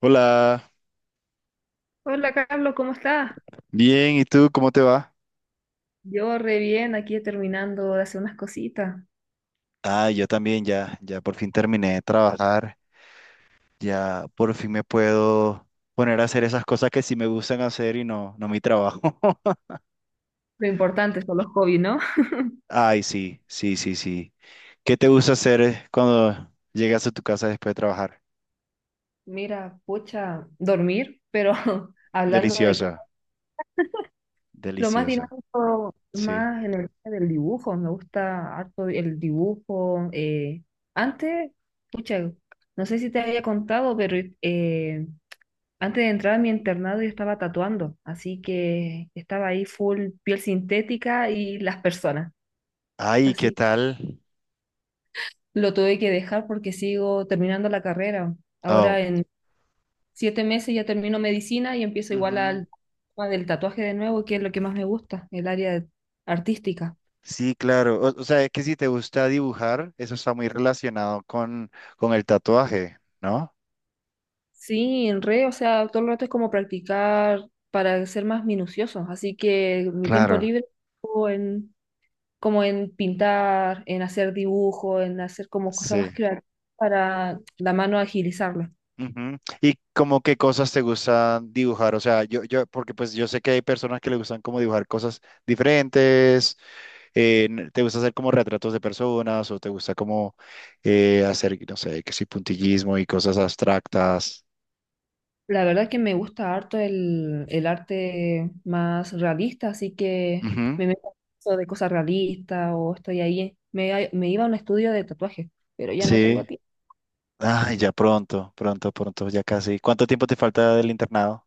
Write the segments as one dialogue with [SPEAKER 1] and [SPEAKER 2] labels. [SPEAKER 1] Hola,
[SPEAKER 2] Hola Carlos, ¿cómo estás?
[SPEAKER 1] bien, ¿y tú cómo te va?
[SPEAKER 2] Yo re bien, aquí terminando de hacer unas cositas.
[SPEAKER 1] Yo también ya por fin terminé de trabajar, ya por fin me puedo poner a hacer esas cosas que sí me gustan hacer y no mi trabajo.
[SPEAKER 2] Lo importante son los hobbies, ¿no?
[SPEAKER 1] Ay, sí, sí, sí, sí. ¿Qué te gusta hacer cuando llegas a tu casa después de trabajar?
[SPEAKER 2] Mira, pucha, dormir, pero hablando de
[SPEAKER 1] Deliciosa,
[SPEAKER 2] cosas, lo más
[SPEAKER 1] deliciosa,
[SPEAKER 2] dinámico,
[SPEAKER 1] sí.
[SPEAKER 2] más en el área del dibujo, me gusta harto el dibujo. Antes, pucha, no sé si te había contado, pero eh, antes de entrar a mi internado yo estaba tatuando, así que estaba ahí full piel sintética y las personas.
[SPEAKER 1] Ay, ¿qué
[SPEAKER 2] Así
[SPEAKER 1] tal?
[SPEAKER 2] lo tuve que dejar porque sigo terminando la carrera.
[SPEAKER 1] Oh,
[SPEAKER 2] Ahora en 7 meses ya termino medicina y empiezo igual
[SPEAKER 1] ujú.
[SPEAKER 2] al tema del tatuaje de nuevo, que es lo que más me gusta, el área artística.
[SPEAKER 1] Sí, claro. O sea, es que si te gusta dibujar, eso está muy relacionado con el tatuaje, ¿no?
[SPEAKER 2] Sí, en re, o sea, todo el rato es como practicar para ser más minuciosos. Así que mi tiempo
[SPEAKER 1] Claro.
[SPEAKER 2] libre o en, como en pintar, en hacer dibujo, en hacer como cosas
[SPEAKER 1] Sí.
[SPEAKER 2] más creativas para la mano agilizarla.
[SPEAKER 1] Ujú. ¿Y como qué cosas te gustan dibujar? O sea, yo, porque pues yo sé que hay personas que le gustan como dibujar cosas diferentes, te gusta hacer como retratos de personas o te gusta como hacer, no sé, que sí, puntillismo y cosas abstractas.
[SPEAKER 2] La verdad que me gusta harto el arte más realista, así que
[SPEAKER 1] Ujú.
[SPEAKER 2] me meto en eso de cosas realistas o estoy ahí. Me iba a un estudio de tatuajes, pero ya no
[SPEAKER 1] Sí.
[SPEAKER 2] tengo tiempo.
[SPEAKER 1] Ay, ya pronto, pronto, pronto, ya casi. ¿Cuánto tiempo te falta del internado?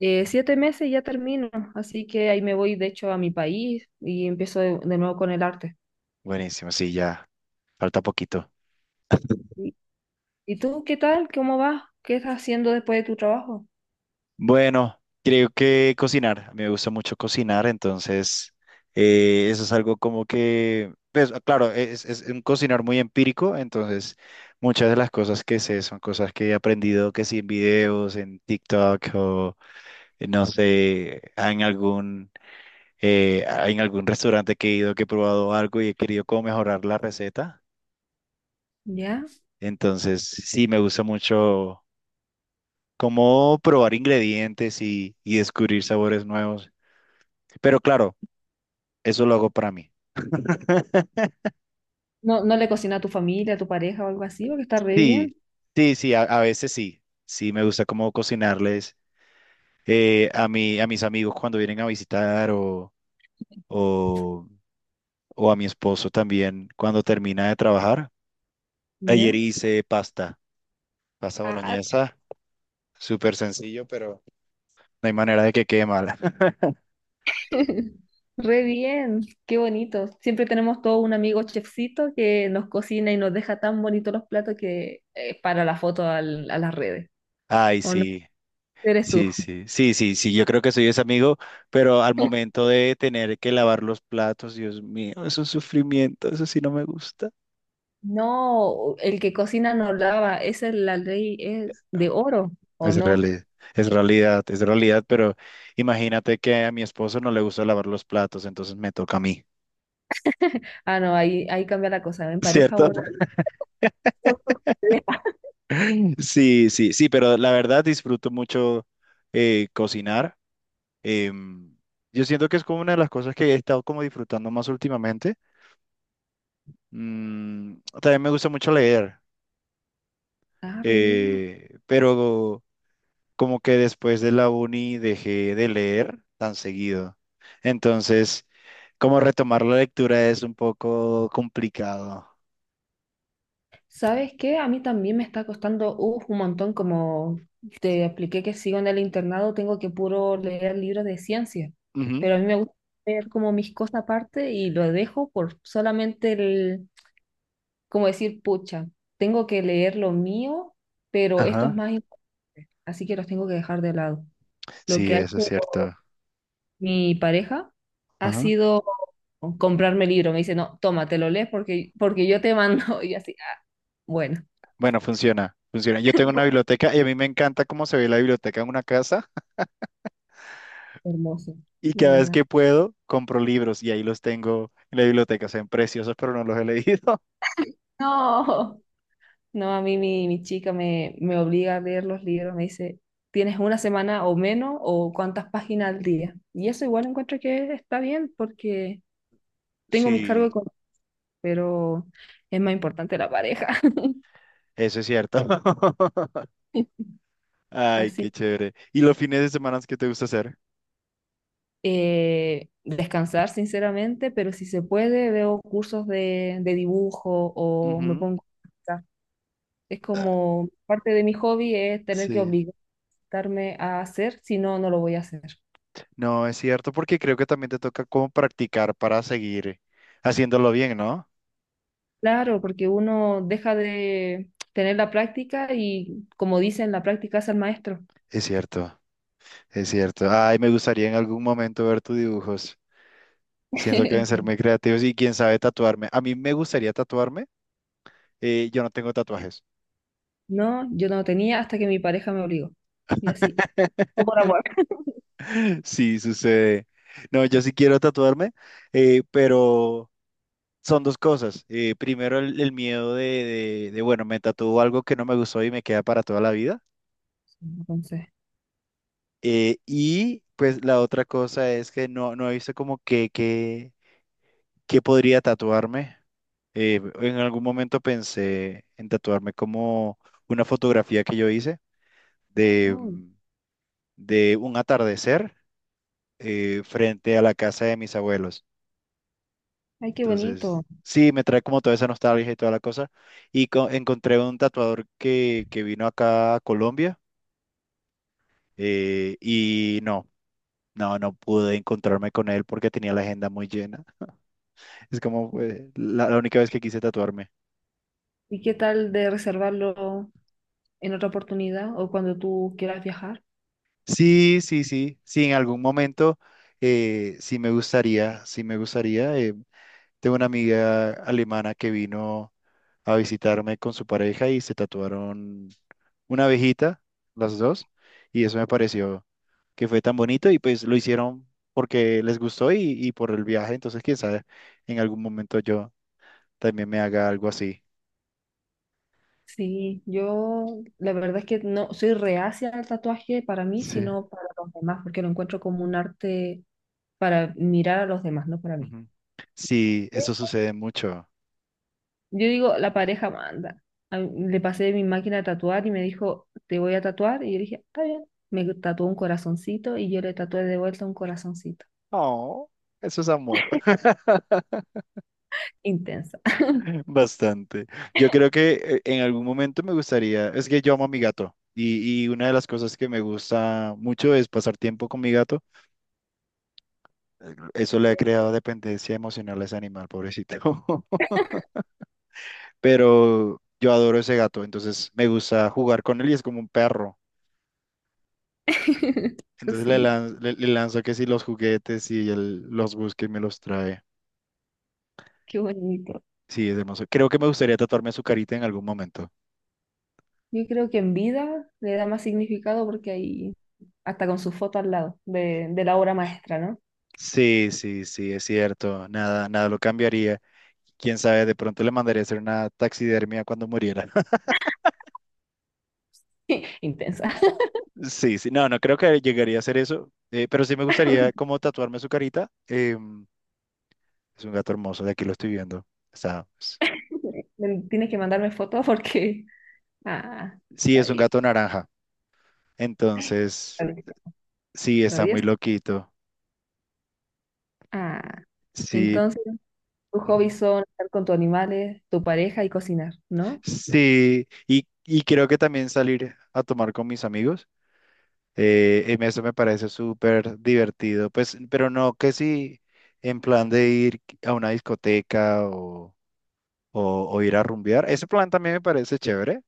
[SPEAKER 2] 7 meses y ya termino, así que ahí me voy de hecho a mi país y empiezo de nuevo con el arte.
[SPEAKER 1] Buenísimo, sí, ya, falta poquito.
[SPEAKER 2] ¿Y, y tú qué tal? ¿Cómo vas? ¿Qué estás haciendo después de tu trabajo?
[SPEAKER 1] Bueno, creo que cocinar. A mí me gusta mucho cocinar, entonces eso es algo como que, pues claro, es un cocinar muy empírico, entonces muchas de las cosas que sé son cosas que he aprendido que sí en videos, en TikTok o no sé, en algún restaurante que he ido, que he probado algo y he querido como mejorar la receta.
[SPEAKER 2] ¿Ya?
[SPEAKER 1] Entonces sí me gusta mucho como probar ingredientes y descubrir sabores nuevos. Pero claro. Eso lo hago para mí.
[SPEAKER 2] ¿No, no le cocina a tu familia, a tu pareja o algo así? Porque está re
[SPEAKER 1] Sí,
[SPEAKER 2] bien.
[SPEAKER 1] sí, sí, a veces sí. Sí, me gusta como cocinarles a mí, a mis amigos cuando vienen a visitar o, o a mi esposo también cuando termina de trabajar. Ayer
[SPEAKER 2] ¿Ya?
[SPEAKER 1] hice pasta, pasta
[SPEAKER 2] Ah,
[SPEAKER 1] boloñesa, súper sencillo, pero no hay manera de que quede mala.
[SPEAKER 2] re bien, qué bonito. Siempre tenemos todo un amigo chefcito que nos cocina y nos deja tan bonitos los platos que para la foto a las redes.
[SPEAKER 1] Ay,
[SPEAKER 2] ¿O no?
[SPEAKER 1] sí,
[SPEAKER 2] Eres tú.
[SPEAKER 1] sí, sí, sí, sí, sí, yo creo que soy ese amigo, pero al momento de tener que lavar los platos, Dios mío, es un sufrimiento, eso sí no me gusta.
[SPEAKER 2] No, el que cocina no lava, esa es la ley, es de oro, ¿o
[SPEAKER 1] Es
[SPEAKER 2] no?
[SPEAKER 1] realidad, es realidad, es realidad, pero imagínate que a mi esposo no le gusta lavar los platos, entonces me toca a mí.
[SPEAKER 2] Ah, no, ahí, ahí cambia la cosa. En pareja
[SPEAKER 1] ¿Cierto?
[SPEAKER 2] uno. uno-
[SPEAKER 1] Sí, sí, sí, pero la verdad disfruto mucho cocinar. Em, yo siento que es como una de las cosas que he estado como disfrutando más últimamente. Mm, también me gusta mucho leer,
[SPEAKER 2] Ah, re bien.
[SPEAKER 1] pero como que después de la uni dejé de leer tan seguido. Entonces, como retomar la lectura es un poco complicado.
[SPEAKER 2] ¿Sabes qué? A mí también me está costando uf, un montón, como te expliqué que sigo en el internado, tengo que puro leer libros de ciencia,
[SPEAKER 1] Ujú.
[SPEAKER 2] pero a mí me gusta leer como mis cosas aparte y lo dejo por solamente el, como decir, pucha, tengo que leer lo mío, pero esto es
[SPEAKER 1] Ajá.
[SPEAKER 2] más importante, así que los tengo que dejar de lado. Lo
[SPEAKER 1] Sí,
[SPEAKER 2] que ha
[SPEAKER 1] eso es
[SPEAKER 2] hecho
[SPEAKER 1] cierto.
[SPEAKER 2] mi pareja ha
[SPEAKER 1] Ajá.
[SPEAKER 2] sido comprarme el libro, me dice, no, toma, te lo lees porque yo te mando, y yo así, ah, bueno.
[SPEAKER 1] Bueno, funciona, funciona. Yo tengo una biblioteca y a mí me encanta cómo se ve la biblioteca en una casa,
[SPEAKER 2] Hermoso,
[SPEAKER 1] y
[SPEAKER 2] la
[SPEAKER 1] cada vez
[SPEAKER 2] verdad.
[SPEAKER 1] que puedo compro libros y ahí los tengo en la biblioteca. Se ven preciosos, pero no los he leído.
[SPEAKER 2] No, no, a mí mi chica me obliga a leer los libros, me dice, tienes una semana o menos o cuántas páginas al día. Y eso igual encuentro que está bien porque tengo mis cargos
[SPEAKER 1] Sí,
[SPEAKER 2] económicos, pero es más importante la pareja.
[SPEAKER 1] eso es cierto. Ay, qué
[SPEAKER 2] Así,
[SPEAKER 1] chévere. ¿Y los fines de semana qué te gusta hacer?
[SPEAKER 2] descansar sinceramente, pero si se puede, veo cursos de dibujo o me
[SPEAKER 1] Ujú.
[SPEAKER 2] pongo a pintar. Es como parte de mi hobby es tener que
[SPEAKER 1] Sí.
[SPEAKER 2] obligarme a hacer, si no, no lo voy a hacer.
[SPEAKER 1] No, es cierto, porque creo que también te toca como practicar para seguir haciéndolo bien, ¿no?
[SPEAKER 2] Claro, porque uno deja de tener la práctica y como dicen, la práctica hace al maestro.
[SPEAKER 1] Es cierto, es cierto. Ay, me gustaría en algún momento ver tus dibujos. Siento que deben ser muy creativos y quién sabe, tatuarme. A mí me gustaría tatuarme. Yo no tengo tatuajes.
[SPEAKER 2] No, yo no tenía hasta que mi pareja me obligó. Y así. O por amor.
[SPEAKER 1] Sí, sucede. No, yo sí quiero tatuarme, pero son dos cosas. Primero, el miedo de bueno, me tatúo algo que no me gustó y me queda para toda la vida.
[SPEAKER 2] Entonces,
[SPEAKER 1] Y pues la otra cosa es que no, no he visto como que podría tatuarme. En algún momento pensé en tatuarme como una fotografía que yo hice de,
[SPEAKER 2] uy,
[SPEAKER 1] de un atardecer frente a la casa de mis abuelos.
[SPEAKER 2] ay, qué
[SPEAKER 1] Entonces,
[SPEAKER 2] bonito.
[SPEAKER 1] sí, me trae como toda esa nostalgia y toda la cosa. Y encontré un tatuador que vino acá a Colombia y no pude encontrarme con él porque tenía la agenda muy llena. Es como la única vez que quise tatuarme.
[SPEAKER 2] ¿Y qué tal de reservarlo en otra oportunidad o cuando tú quieras viajar?
[SPEAKER 1] Sí, sí, sí, sí, en algún momento sí me gustaría, sí me gustaría. Tengo una amiga alemana que vino a visitarme con su pareja y se tatuaron una abejita, las dos, y eso me pareció que fue tan bonito y pues lo hicieron porque les gustó y por el viaje, entonces quién sabe, en algún momento yo también me haga algo así.
[SPEAKER 2] Sí, yo la verdad es que no soy reacia al tatuaje para mí,
[SPEAKER 1] Sí.
[SPEAKER 2] sino para los demás, porque lo encuentro como un arte para mirar a los demás, no para mí.
[SPEAKER 1] Ujú. Sí, eso sucede mucho.
[SPEAKER 2] Yo digo, la pareja manda. Le pasé mi máquina a tatuar y me dijo, te voy a tatuar. Y yo dije, está bien. Me tatuó un corazoncito y yo le tatué de vuelta un corazoncito.
[SPEAKER 1] Oh, eso es amor,
[SPEAKER 2] Intensa.
[SPEAKER 1] bastante. Yo creo que en algún momento me gustaría, es que yo amo a mi gato y una de las cosas que me gusta mucho es pasar tiempo con mi gato. Eso le ha creado dependencia emocional a ese animal, pobrecito. Pero yo adoro ese gato, entonces me gusta jugar con él y es como un perro. Entonces
[SPEAKER 2] Cosita,
[SPEAKER 1] le lanzo que si los juguetes y él los busca y me los trae.
[SPEAKER 2] qué bonito.
[SPEAKER 1] Sí, es hermoso. Creo que me gustaría tatuarme su carita en algún momento.
[SPEAKER 2] Yo creo que en vida le da más significado porque ahí, hasta con su foto al lado de la obra maestra, ¿no?
[SPEAKER 1] Sí, sí, sí, es cierto. Nada, nada lo cambiaría. Quién sabe, de pronto le mandaría a hacer una taxidermia cuando muriera.
[SPEAKER 2] Intensa.
[SPEAKER 1] Sí, sí, no, no creo que llegaría a hacer eso, pero sí me gustaría como tatuarme su carita. Es un gato hermoso, de aquí lo estoy viendo. Está,
[SPEAKER 2] Tienes que mandarme fotos porque... Ah,
[SPEAKER 1] sí,
[SPEAKER 2] está
[SPEAKER 1] es un
[SPEAKER 2] bien.
[SPEAKER 1] gato naranja. Entonces, sí, está muy
[SPEAKER 2] Travieso.
[SPEAKER 1] loquito.
[SPEAKER 2] Ah,
[SPEAKER 1] Sí,
[SPEAKER 2] entonces... Tus
[SPEAKER 1] ujú.
[SPEAKER 2] hobbies son estar con tus animales, tu pareja y cocinar, ¿no?
[SPEAKER 1] Sí, y creo que también salir a tomar con mis amigos. Eso me parece súper divertido, pues, pero no que si en plan de ir a una discoteca o, o ir a rumbear, ese plan también me parece chévere,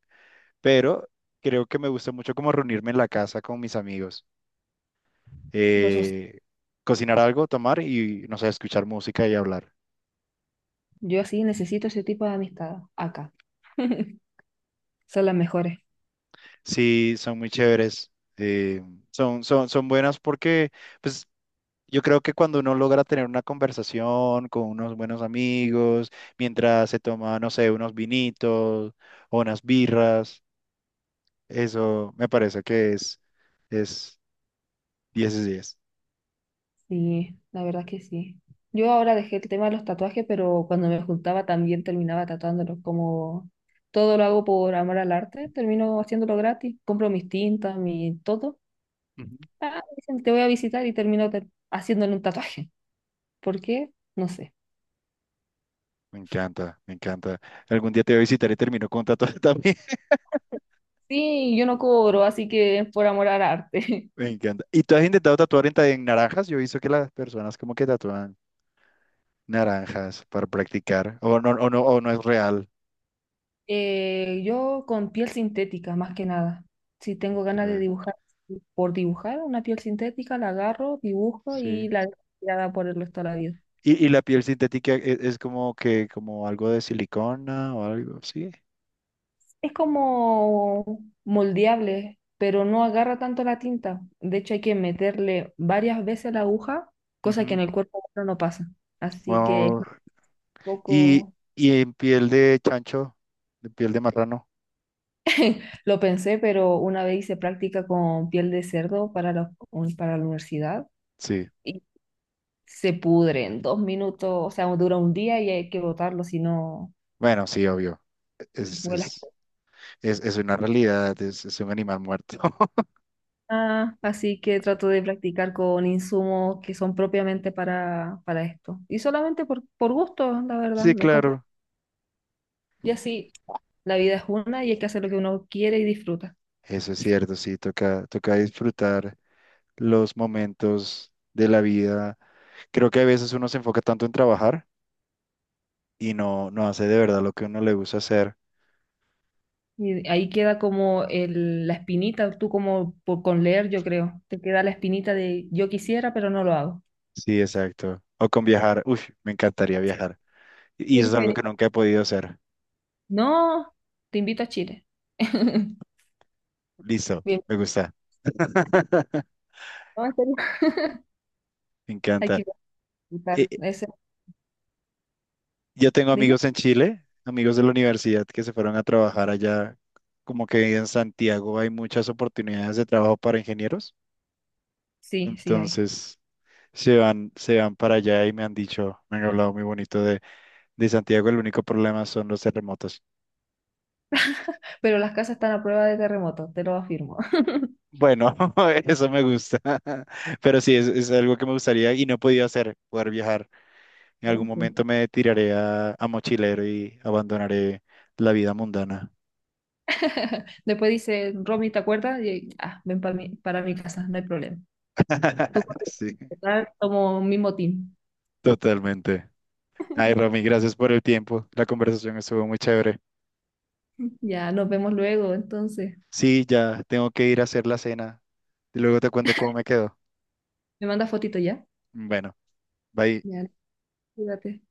[SPEAKER 1] pero creo que me gusta mucho como reunirme en la casa con mis amigos,
[SPEAKER 2] Los so-,
[SPEAKER 1] eh, cocinar algo, tomar y, no sé, escuchar música y hablar.
[SPEAKER 2] yo sí necesito ese tipo de amistad acá. Son las mejores.
[SPEAKER 1] Sí, son muy chéveres, eh, son buenas porque, pues, yo creo que cuando uno logra tener una conversación con unos buenos amigos, mientras se toma, no sé, unos vinitos o unas birras, eso me parece es 10 de 10.
[SPEAKER 2] Sí, la verdad que sí. Yo ahora dejé el tema de los tatuajes, pero cuando me juntaba también terminaba tatuándolos. Como todo lo hago por amor al arte, termino haciéndolo gratis. Compro mis tintas, mi todo.
[SPEAKER 1] Ujú.
[SPEAKER 2] Ah, dicen, te voy a visitar y termino haciéndole un tatuaje. ¿Por qué? No sé.
[SPEAKER 1] Me encanta, me encanta. Algún día te voy a visitar y termino con un tatuaje también.
[SPEAKER 2] Sí, yo no cobro, así que es por amor al arte.
[SPEAKER 1] Me encanta. ¿Y tú has intentado tatuar en naranjas? Yo he visto que las personas como que tatúan naranjas para practicar. O no es real.
[SPEAKER 2] Yo con piel sintética, más que nada. Si tengo
[SPEAKER 1] Ok.
[SPEAKER 2] ganas de dibujar, sí, por dibujar una piel sintética, la agarro, dibujo y
[SPEAKER 1] Sí.
[SPEAKER 2] la dejo tirada por el resto de la vida.
[SPEAKER 1] Y la piel sintética es, como que, como algo de silicona o algo así.
[SPEAKER 2] Es como moldeable, pero no agarra tanto la tinta. De hecho, hay que meterle varias veces la aguja, cosa que
[SPEAKER 1] Ujú.
[SPEAKER 2] en el cuerpo humano no pasa. Así que es
[SPEAKER 1] Wao.
[SPEAKER 2] un
[SPEAKER 1] Y,
[SPEAKER 2] poco,
[SPEAKER 1] y en piel de chancho, de piel de marrano.
[SPEAKER 2] lo pensé, pero una vez hice práctica con piel de cerdo para la, para la universidad.
[SPEAKER 1] Sí.
[SPEAKER 2] Se pudre en 2 minutos, o sea, dura un día y hay que botarlo, si no
[SPEAKER 1] Bueno, sí, obvio. Es,
[SPEAKER 2] vuelas.
[SPEAKER 1] es, es una realidad, es un animal muerto.
[SPEAKER 2] Ah, así que trato de practicar con insumos que son propiamente para esto. Y solamente por gusto, la verdad,
[SPEAKER 1] Sí,
[SPEAKER 2] me compro.
[SPEAKER 1] claro.
[SPEAKER 2] Y así, la vida es una y hay que hacer lo que uno quiere y disfruta.
[SPEAKER 1] Eso es cierto, sí, toca, toca disfrutar los momentos de la vida. Creo que a veces uno se enfoca tanto en trabajar y no hace de verdad lo que uno le gusta hacer.
[SPEAKER 2] Y ahí queda como la espinita, tú como por, con leer, yo creo, te queda la espinita de yo quisiera, pero no lo hago.
[SPEAKER 1] Sí, exacto. O con viajar. Uy, me encantaría viajar. Y eso
[SPEAKER 2] Tienes
[SPEAKER 1] es
[SPEAKER 2] que
[SPEAKER 1] algo
[SPEAKER 2] venir.
[SPEAKER 1] que nunca he podido hacer.
[SPEAKER 2] No, te invito a Chile.
[SPEAKER 1] Listo,
[SPEAKER 2] Bien.
[SPEAKER 1] me gusta.
[SPEAKER 2] No, en serio.
[SPEAKER 1] Me
[SPEAKER 2] Hay
[SPEAKER 1] encanta.
[SPEAKER 2] que
[SPEAKER 1] Eh,
[SPEAKER 2] Claro, ese,
[SPEAKER 1] yo tengo
[SPEAKER 2] dime.
[SPEAKER 1] amigos en Chile, amigos de la universidad que se fueron a trabajar allá. Como que en Santiago hay muchas oportunidades de trabajo para ingenieros.
[SPEAKER 2] Sí, sí hay.
[SPEAKER 1] Entonces se van para allá y me han dicho, me han hablado muy bonito de Santiago. El único problema son los terremotos.
[SPEAKER 2] Pero las casas están a prueba de terremoto, te lo afirmo.
[SPEAKER 1] Bueno, eso me gusta. Pero sí, es algo que me gustaría y no he podido hacer, poder viajar. En algún
[SPEAKER 2] Gente.
[SPEAKER 1] momento me tiraré a mochilero y abandonaré la vida mundana.
[SPEAKER 2] Después dice, Romy, ¿te acuerdas? Y, ah, ven para mi casa, no hay problema. Tú, corre.
[SPEAKER 1] Sí,
[SPEAKER 2] Total, tomo mi motín.
[SPEAKER 1] totalmente. Ay, Romy, gracias por el tiempo. La conversación estuvo muy chévere.
[SPEAKER 2] Ya, nos vemos luego, entonces.
[SPEAKER 1] Sí, ya tengo que ir a hacer la cena. Luego te cuento cómo me quedó.
[SPEAKER 2] ¿Me mandas fotito ya?
[SPEAKER 1] Bueno, bye.
[SPEAKER 2] Ya, cuídate.